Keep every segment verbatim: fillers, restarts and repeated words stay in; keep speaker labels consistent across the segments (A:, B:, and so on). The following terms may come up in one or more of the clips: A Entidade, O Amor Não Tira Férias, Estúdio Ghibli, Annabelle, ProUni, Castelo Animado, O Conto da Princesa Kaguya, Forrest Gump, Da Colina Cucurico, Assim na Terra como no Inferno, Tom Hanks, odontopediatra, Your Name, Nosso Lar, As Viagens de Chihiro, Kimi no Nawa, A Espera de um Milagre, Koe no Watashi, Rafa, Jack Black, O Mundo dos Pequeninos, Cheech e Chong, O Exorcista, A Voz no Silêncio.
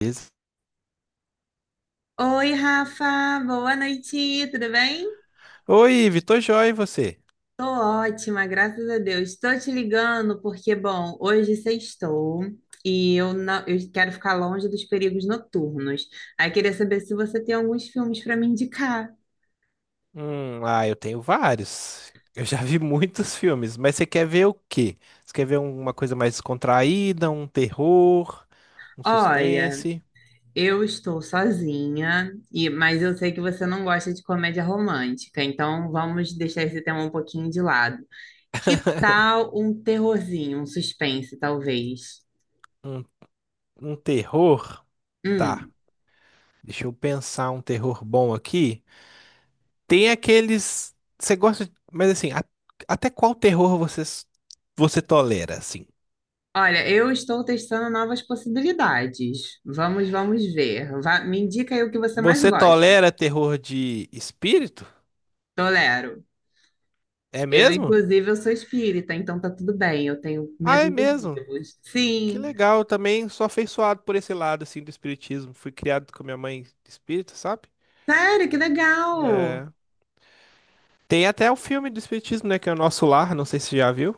A: Beleza.
B: Oi, Rafa, boa noite, tudo bem?
A: Oi, Vitor Joy, e você?
B: Tô ótima, graças a Deus. Estou te ligando porque, bom, hoje sextou e eu não, eu quero ficar longe dos perigos noturnos. Aí queria saber se você tem alguns filmes para me indicar.
A: Hum, ah, eu tenho vários. Eu já vi muitos filmes, mas você quer ver o quê? Você quer ver uma coisa mais descontraída, um terror, um
B: Olha,
A: suspense,
B: eu estou sozinha e mas eu sei que você não gosta de comédia romântica, então vamos deixar esse tema um pouquinho de lado. Que tal um terrorzinho, um suspense, talvez?
A: um, um terror? Tá,
B: Hum.
A: deixa eu pensar um terror bom aqui. Tem aqueles. Você gosta, de- mas assim, a- até qual terror você, s- você tolera, assim?
B: Olha, eu estou testando novas possibilidades. Vamos, vamos ver. Vá- me indica aí o que você mais
A: Você
B: gosta.
A: tolera terror de espírito?
B: Tolero.
A: É
B: Eu,
A: mesmo?
B: inclusive, eu sou espírita, então tá tudo bem. Eu tenho
A: Ah, é
B: medo dos
A: mesmo.
B: vivos.
A: Que
B: Sim.
A: legal, eu também sou afeiçoado por esse lado, assim, do espiritismo. Fui criado com a minha mãe espírita, sabe?
B: Sério, que legal!
A: É, tem até o filme do espiritismo, né, que é o Nosso Lar, não sei se você já viu.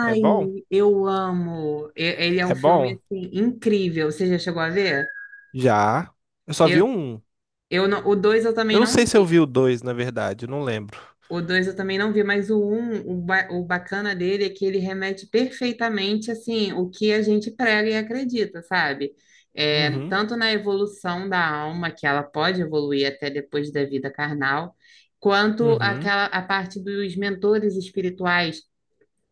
A: É bom?
B: eu amo. E- Ele é um
A: É
B: filme
A: bom?
B: assim incrível. Você já chegou a ver?
A: Já. Eu só vi
B: Eu,
A: um.
B: eu não- O dois eu
A: Eu
B: também
A: não
B: não
A: sei se eu vi
B: vi.
A: o dois, na verdade, eu não lembro.
B: O dois eu também não vi, mas o um, o, ba- o bacana dele é que ele remete perfeitamente, assim, o que a gente prega e acredita, sabe? É,
A: Uhum,
B: tanto na evolução da alma, que ela pode evoluir até depois da vida carnal, quanto
A: uhum,
B: aquela, a parte dos mentores espirituais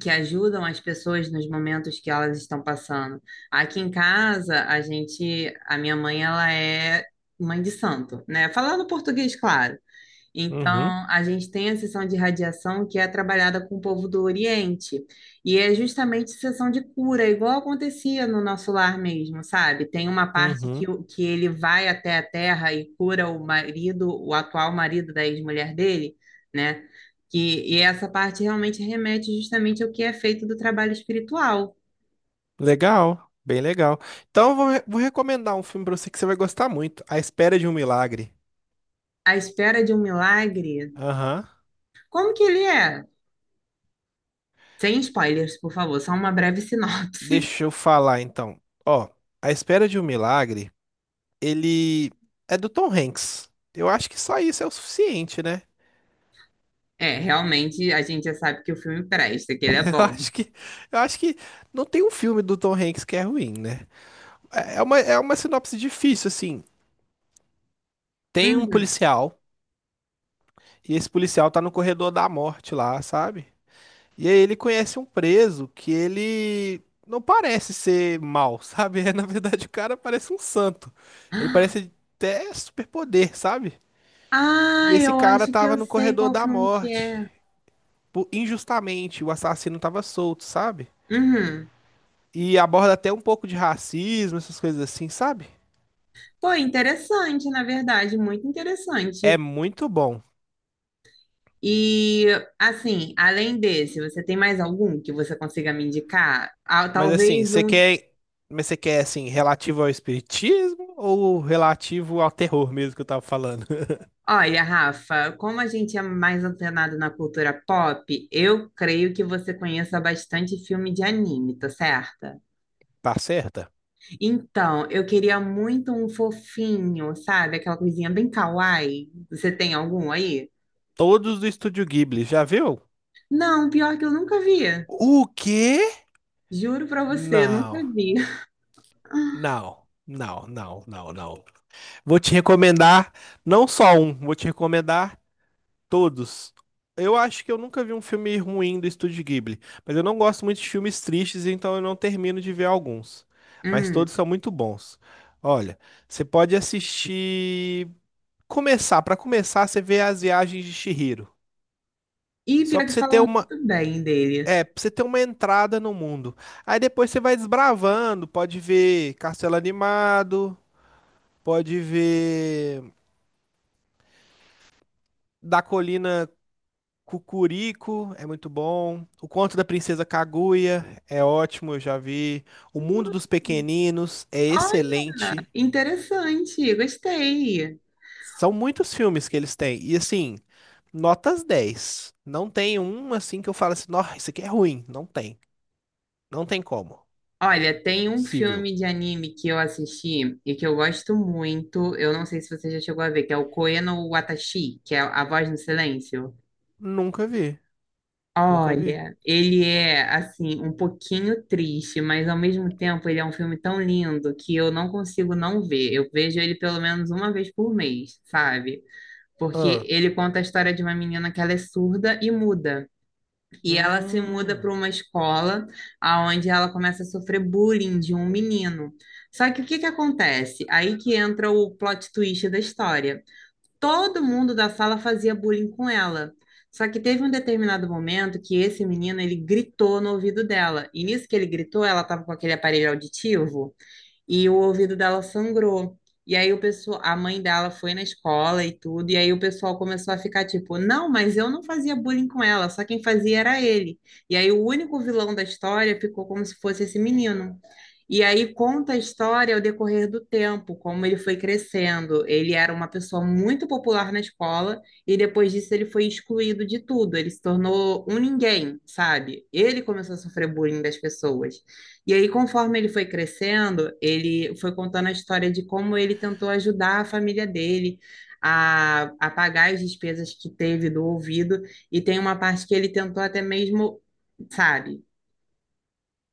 B: que ajudam as pessoas nos momentos que elas estão passando. Aqui em casa, a gente, a minha mãe, ela é mãe de santo, né? Falando português, claro.
A: uhum,
B: Então, a gente tem a sessão de radiação que é trabalhada com o povo do Oriente. E é justamente sessão de cura, igual acontecia no nosso lar mesmo, sabe? Tem uma parte que,
A: uhum.
B: o- que ele vai até a terra e cura o marido, o atual marido da ex-mulher dele, né? Que, e essa parte realmente remete justamente ao que é feito do trabalho espiritual.
A: Legal, bem legal. Então, eu vou, re- vou recomendar um filme pra você que você vai gostar muito. A Espera de um Milagre.
B: A espera de um milagre.
A: Aham.
B: Como que ele é? Sem spoilers, por favor, só uma breve sinopse.
A: Deixa eu falar, então. Ó, A Espera de um Milagre, ele é do Tom Hanks. Eu acho que só isso é o suficiente, né?
B: É, realmente a gente já sabe que o filme presta, que ele é
A: Eu
B: bom.
A: acho que, eu acho que não tem um filme do Tom Hanks que é ruim, né? É é uma, é uma sinopse difícil, assim. Tem um
B: Uhum.
A: policial, e esse policial tá no corredor da morte lá, sabe? E aí ele conhece um preso que ele não parece ser mal, sabe? É, na verdade, o cara parece um santo. Ele parece até superpoder, sabe?
B: Ah,
A: E esse
B: eu
A: cara
B: acho que
A: tava
B: eu
A: no
B: sei
A: corredor
B: qual
A: da
B: filme que
A: morte.
B: é.
A: Por- injustamente, o assassino tava solto, sabe?
B: Uhum.
A: E aborda até um pouco de racismo, essas coisas assim, sabe?
B: Pô, interessante, na verdade, muito
A: É
B: interessante.
A: muito bom.
B: E, assim, além desse, você tem mais algum que você consiga me indicar? Ah,
A: Mas assim,
B: talvez
A: você
B: um.
A: quer. Mas você quer, assim, relativo ao espiritismo ou relativo ao terror mesmo que eu tava falando?
B: Olha, Rafa, como a gente é mais antenado na cultura pop, eu creio que você conheça bastante filme de anime, tá certa?
A: Tá certa?
B: Então, eu queria muito um fofinho, sabe? Aquela coisinha bem kawaii. Você tem algum aí?
A: Todos do Estúdio Ghibli, já viu?
B: Não, pior que eu nunca vi.
A: O quê?
B: Juro pra você, eu nunca
A: Não,
B: vi.
A: não, não, não, não, não. Vou te recomendar não só um, vou te recomendar todos. Eu acho que eu nunca vi um filme ruim do Estúdio Ghibli, mas eu não gosto muito de filmes tristes, então eu não termino de ver alguns. Mas
B: Hum.
A: todos são muito bons. Olha, você pode assistir. Começar, Pra começar, você vê As Viagens de Chihiro.
B: E
A: Só
B: pior que
A: pra você ter
B: falam
A: uma,
B: muito bem dele.
A: é, pra você ter uma entrada no mundo. Aí depois você vai desbravando, pode ver Castelo Animado, pode ver Da Colina Cucurico, é muito bom. O Conto da Princesa Kaguya é ótimo, eu já vi. O Mundo dos Pequeninos é
B: Olha,
A: excelente.
B: interessante, gostei.
A: São muitos filmes que eles têm. E assim, notas dez. Não tem um assim que eu falo assim, nossa, isso aqui é ruim. Não tem. Não tem como.
B: Olha, tem um
A: Possível.
B: filme de anime que eu assisti e que eu gosto muito. Eu não sei se você já chegou a ver, que é o Koe no Watashi, que é A Voz no Silêncio.
A: Nunca vi. Nunca vi.
B: Olha, ele é assim um pouquinho triste, mas ao mesmo tempo ele é um filme tão lindo que eu não consigo não ver. Eu vejo ele pelo menos uma vez por mês, sabe? Porque
A: Ah,
B: ele conta a história de uma menina que ela é surda e muda. E ela se muda
A: hum,
B: para uma escola onde ela começa a sofrer bullying de um menino. Só que o que que acontece? Aí que entra o plot twist da história. Todo mundo da sala fazia bullying com ela. Só que teve um determinado momento que esse menino, ele gritou no ouvido dela. E nisso que ele gritou, ela estava com aquele aparelho auditivo e o ouvido dela sangrou. E aí o pessoal, a mãe dela foi na escola e tudo, e aí o pessoal começou a ficar tipo, não, mas eu não fazia bullying com ela, só quem fazia era ele. E aí o único vilão da história ficou como se fosse esse menino. E aí conta a história ao decorrer do tempo, como ele foi crescendo. Ele era uma pessoa muito popular na escola e depois disso ele foi excluído de tudo. Ele se tornou um ninguém, sabe? Ele começou a sofrer bullying das pessoas. E aí, conforme ele foi crescendo, ele foi contando a história de como ele tentou ajudar a família dele a, a pagar as despesas que teve do ouvido, e tem uma parte que ele tentou até mesmo, sabe?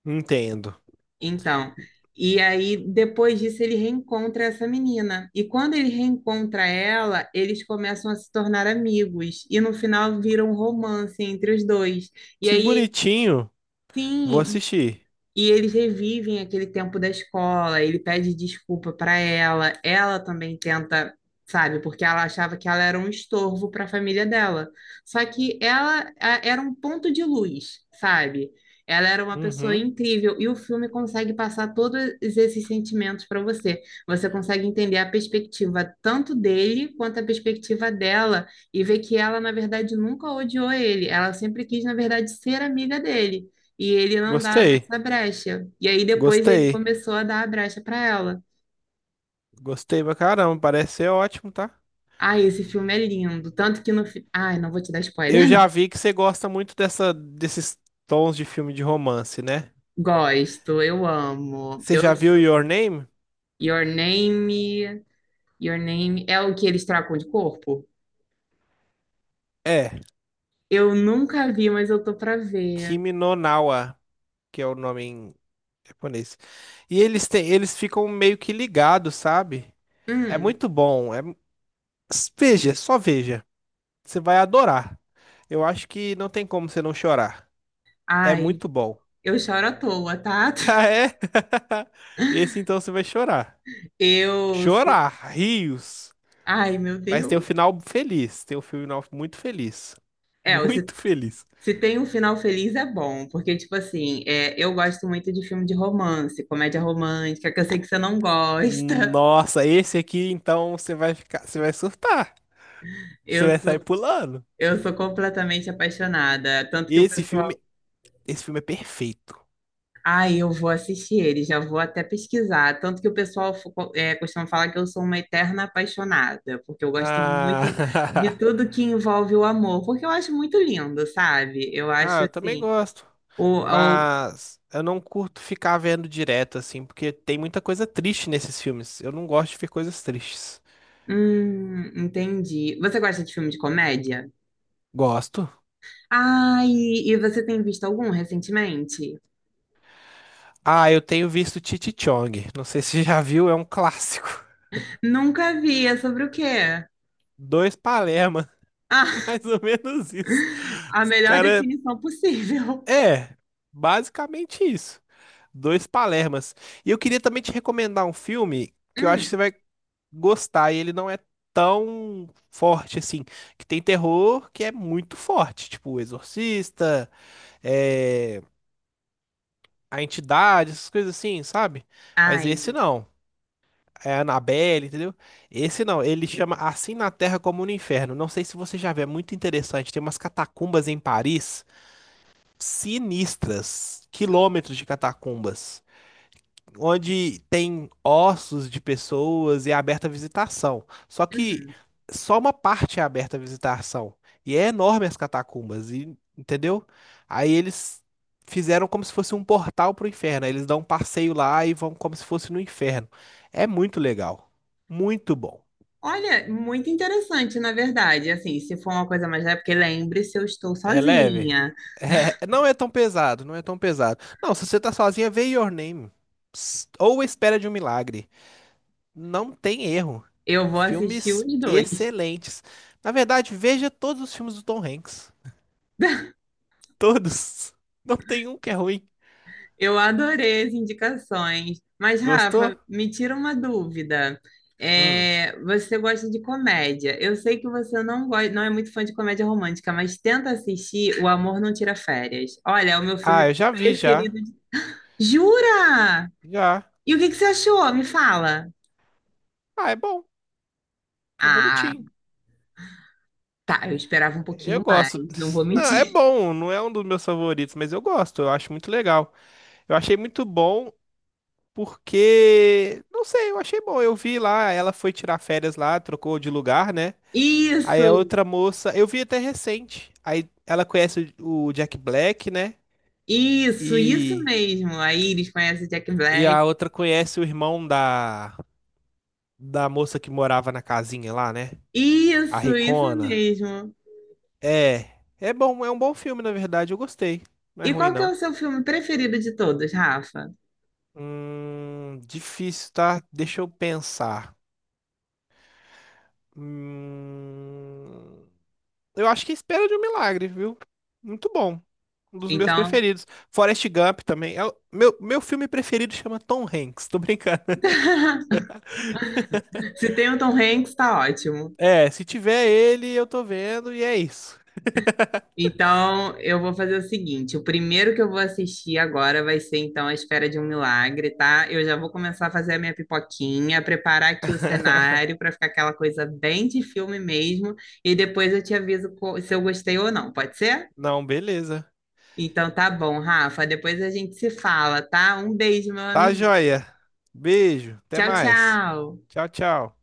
A: entendo.
B: Então, e aí depois disso ele reencontra essa menina. E quando ele reencontra ela, eles começam a se tornar amigos, e no final vira um romance entre os dois. E
A: Que
B: aí
A: bonitinho. Vou
B: sim,
A: assistir.
B: e eles revivem aquele tempo da escola, ele pede desculpa para ela, ela também tenta, sabe, porque ela achava que ela era um estorvo para a família dela. Só que ela a- era um ponto de luz, sabe? Ela era uma pessoa
A: Uhum.
B: incrível e o filme consegue passar todos esses sentimentos para você. Você consegue entender a perspectiva tanto dele quanto a perspectiva dela e ver que ela, na verdade, nunca odiou ele. Ela sempre quis, na verdade, ser amiga dele. E ele não dava
A: Gostei.
B: essa brecha. E aí depois ele
A: Gostei.
B: começou a dar a brecha para ela.
A: Gostei pra caramba. Parece ser ótimo, tá?
B: Ai, esse filme é lindo. Tanto que no. fi- Ai, não vou te dar
A: Eu
B: spoiler,
A: já
B: não.
A: vi que você gosta muito dessa, desses tons de filme de romance, né?
B: Gosto, eu amo.
A: Você já
B: Eu
A: viu
B: sou.
A: Your Name?
B: Your Name. Your Name. É o que eles trocam de corpo?
A: É,
B: Eu nunca vi, mas eu tô pra ver.
A: Kimi no Nawa, que é o nome em japonês. E eles têm, eles ficam meio que ligados, sabe? É
B: Hum.
A: muito bom. É... veja, só veja. Você vai adorar. Eu acho que não tem como você não chorar. É
B: Ai,
A: muito bom.
B: eu choro à toa, tá?
A: Ah, é? Esse então você vai chorar.
B: Eu. sou-
A: Chorar, rios.
B: Ai, meu
A: Mas tem um
B: Deus.
A: final feliz. Tem um final muito feliz.
B: É, os
A: Muito feliz.
B: se tem um final feliz é bom, porque, tipo assim, é, eu gosto muito de filme de romance, comédia romântica, que eu sei que você não gosta.
A: Nossa, esse aqui então você vai ficar, você vai surtar. Você
B: Eu
A: vai sair
B: sou,
A: pulando.
B: eu sou completamente apaixonada. Tanto que o
A: Esse
B: pessoal.
A: filme, esse filme é perfeito.
B: Ai, eu vou assistir ele, já vou até pesquisar. Tanto que o pessoal fo- co- é, costuma falar que eu sou uma eterna apaixonada, porque eu gosto muito
A: Ah,
B: de tudo que envolve o amor, porque eu acho muito lindo, sabe? Eu
A: ah,
B: acho
A: eu também
B: assim.
A: gosto.
B: O, o...
A: Mas eu não curto ficar vendo direto assim, porque tem muita coisa triste nesses filmes. Eu não gosto de ver coisas tristes.
B: Hum, entendi. Você gosta de filme de comédia?
A: Gosto.
B: Ai, e você tem visto algum recentemente?
A: Ah, eu tenho visto Cheech e Chong. Não sei se você já viu, é um clássico.
B: Nunca vi, é sobre o quê?
A: Dois Palermo.
B: Ah,
A: Mais ou menos isso.
B: a
A: Os
B: melhor
A: cara,
B: definição possível.
A: é, basicamente isso. Dois Palermas. E eu queria também te recomendar um filme que eu acho que
B: Hum,
A: você vai gostar. E ele não é tão forte assim. Que tem terror que é muito forte. Tipo, O Exorcista, é, A Entidade, essas coisas assim, sabe? Mas esse
B: ai.
A: não. É Annabelle, entendeu? Esse não. Ele chama Assim na Terra como no Inferno. Não sei se você já viu, é muito interessante. Tem umas catacumbas em Paris, sinistras, quilômetros de catacumbas, onde tem ossos de pessoas e é aberta a visitação. Só que
B: Uhum.
A: só uma parte é aberta à visitação. E é enorme as catacumbas, e- entendeu? Aí eles fizeram como se fosse um portal pro inferno. Aí eles dão um passeio lá e vão como se fosse no inferno. É muito legal. Muito bom.
B: Olha, muito interessante, na verdade. Assim, se for uma coisa mais leve, porque lembre-se, eu estou
A: É leve.
B: sozinha.
A: É, é, não é tão pesado, não é tão pesado. Não, se você tá sozinha, vê Your Name. Ps- Ou Espera de um Milagre. Não tem erro.
B: Eu vou assistir
A: Filmes
B: os dois.
A: excelentes. Na verdade, veja todos os filmes do Tom Hanks. Todos. Não tem um que é ruim.
B: Eu adorei as indicações. Mas,
A: Gostou?
B: Rafa, me tira uma dúvida.
A: Hum.
B: É, você gosta de comédia. Eu sei que você não gosta, não é muito fã de comédia romântica, mas tenta assistir O Amor Não Tira Férias. Olha, é o meu
A: Ah,
B: filme
A: eu já vi, já.
B: preferido. de- Jura?
A: Já.
B: E o que que você achou? Me fala.
A: Ah, é bom. É
B: Ah,
A: bonitinho.
B: tá. Eu esperava um
A: Eu
B: pouquinho
A: gosto.
B: mais, não vou
A: Não, é
B: mentir.
A: bom. Não é um dos meus favoritos, mas eu gosto. Eu acho muito legal. Eu achei muito bom. Porque, não sei, eu achei bom. Eu vi lá, ela foi tirar férias lá, trocou de lugar, né? Aí a
B: Isso,
A: outra moça, eu vi até recente. Aí ela conhece o o Jack Black, né?
B: isso, isso
A: E,
B: mesmo. Aí eles conhecem Jack
A: e
B: Black.
A: a outra conhece o irmão da, da moça que morava na casinha lá, né? A
B: Isso, isso
A: Ricona.
B: mesmo.
A: É, é bom, é um bom filme, na verdade. Eu gostei. Não é
B: E
A: ruim,
B: qual que é
A: não.
B: o seu filme preferido de todos, Rafa?
A: Hum, difícil, tá? Deixa eu pensar. Hum. Eu acho que é Espera de um Milagre, viu? Muito bom. Um dos meus
B: Então,
A: preferidos. Forrest Gump também. É o- meu, meu filme preferido chama Tom Hanks. Tô brincando.
B: se tem o Tom Hanks, tá ótimo.
A: É, se tiver ele, eu tô vendo e é isso.
B: Então, eu vou fazer o seguinte: o primeiro que eu vou assistir agora vai ser, então, A Espera de um Milagre, tá? Eu já vou começar a fazer a minha pipoquinha, preparar aqui o cenário para ficar aquela coisa bem de filme mesmo, e depois eu te aviso co- se eu gostei ou não, pode ser?
A: Não, beleza.
B: Então, tá bom, Rafa. Depois a gente se fala, tá? Um beijo, meu
A: Tá
B: amigo.
A: joia. Beijo. Até
B: Tchau,
A: mais.
B: tchau.
A: Tchau, tchau.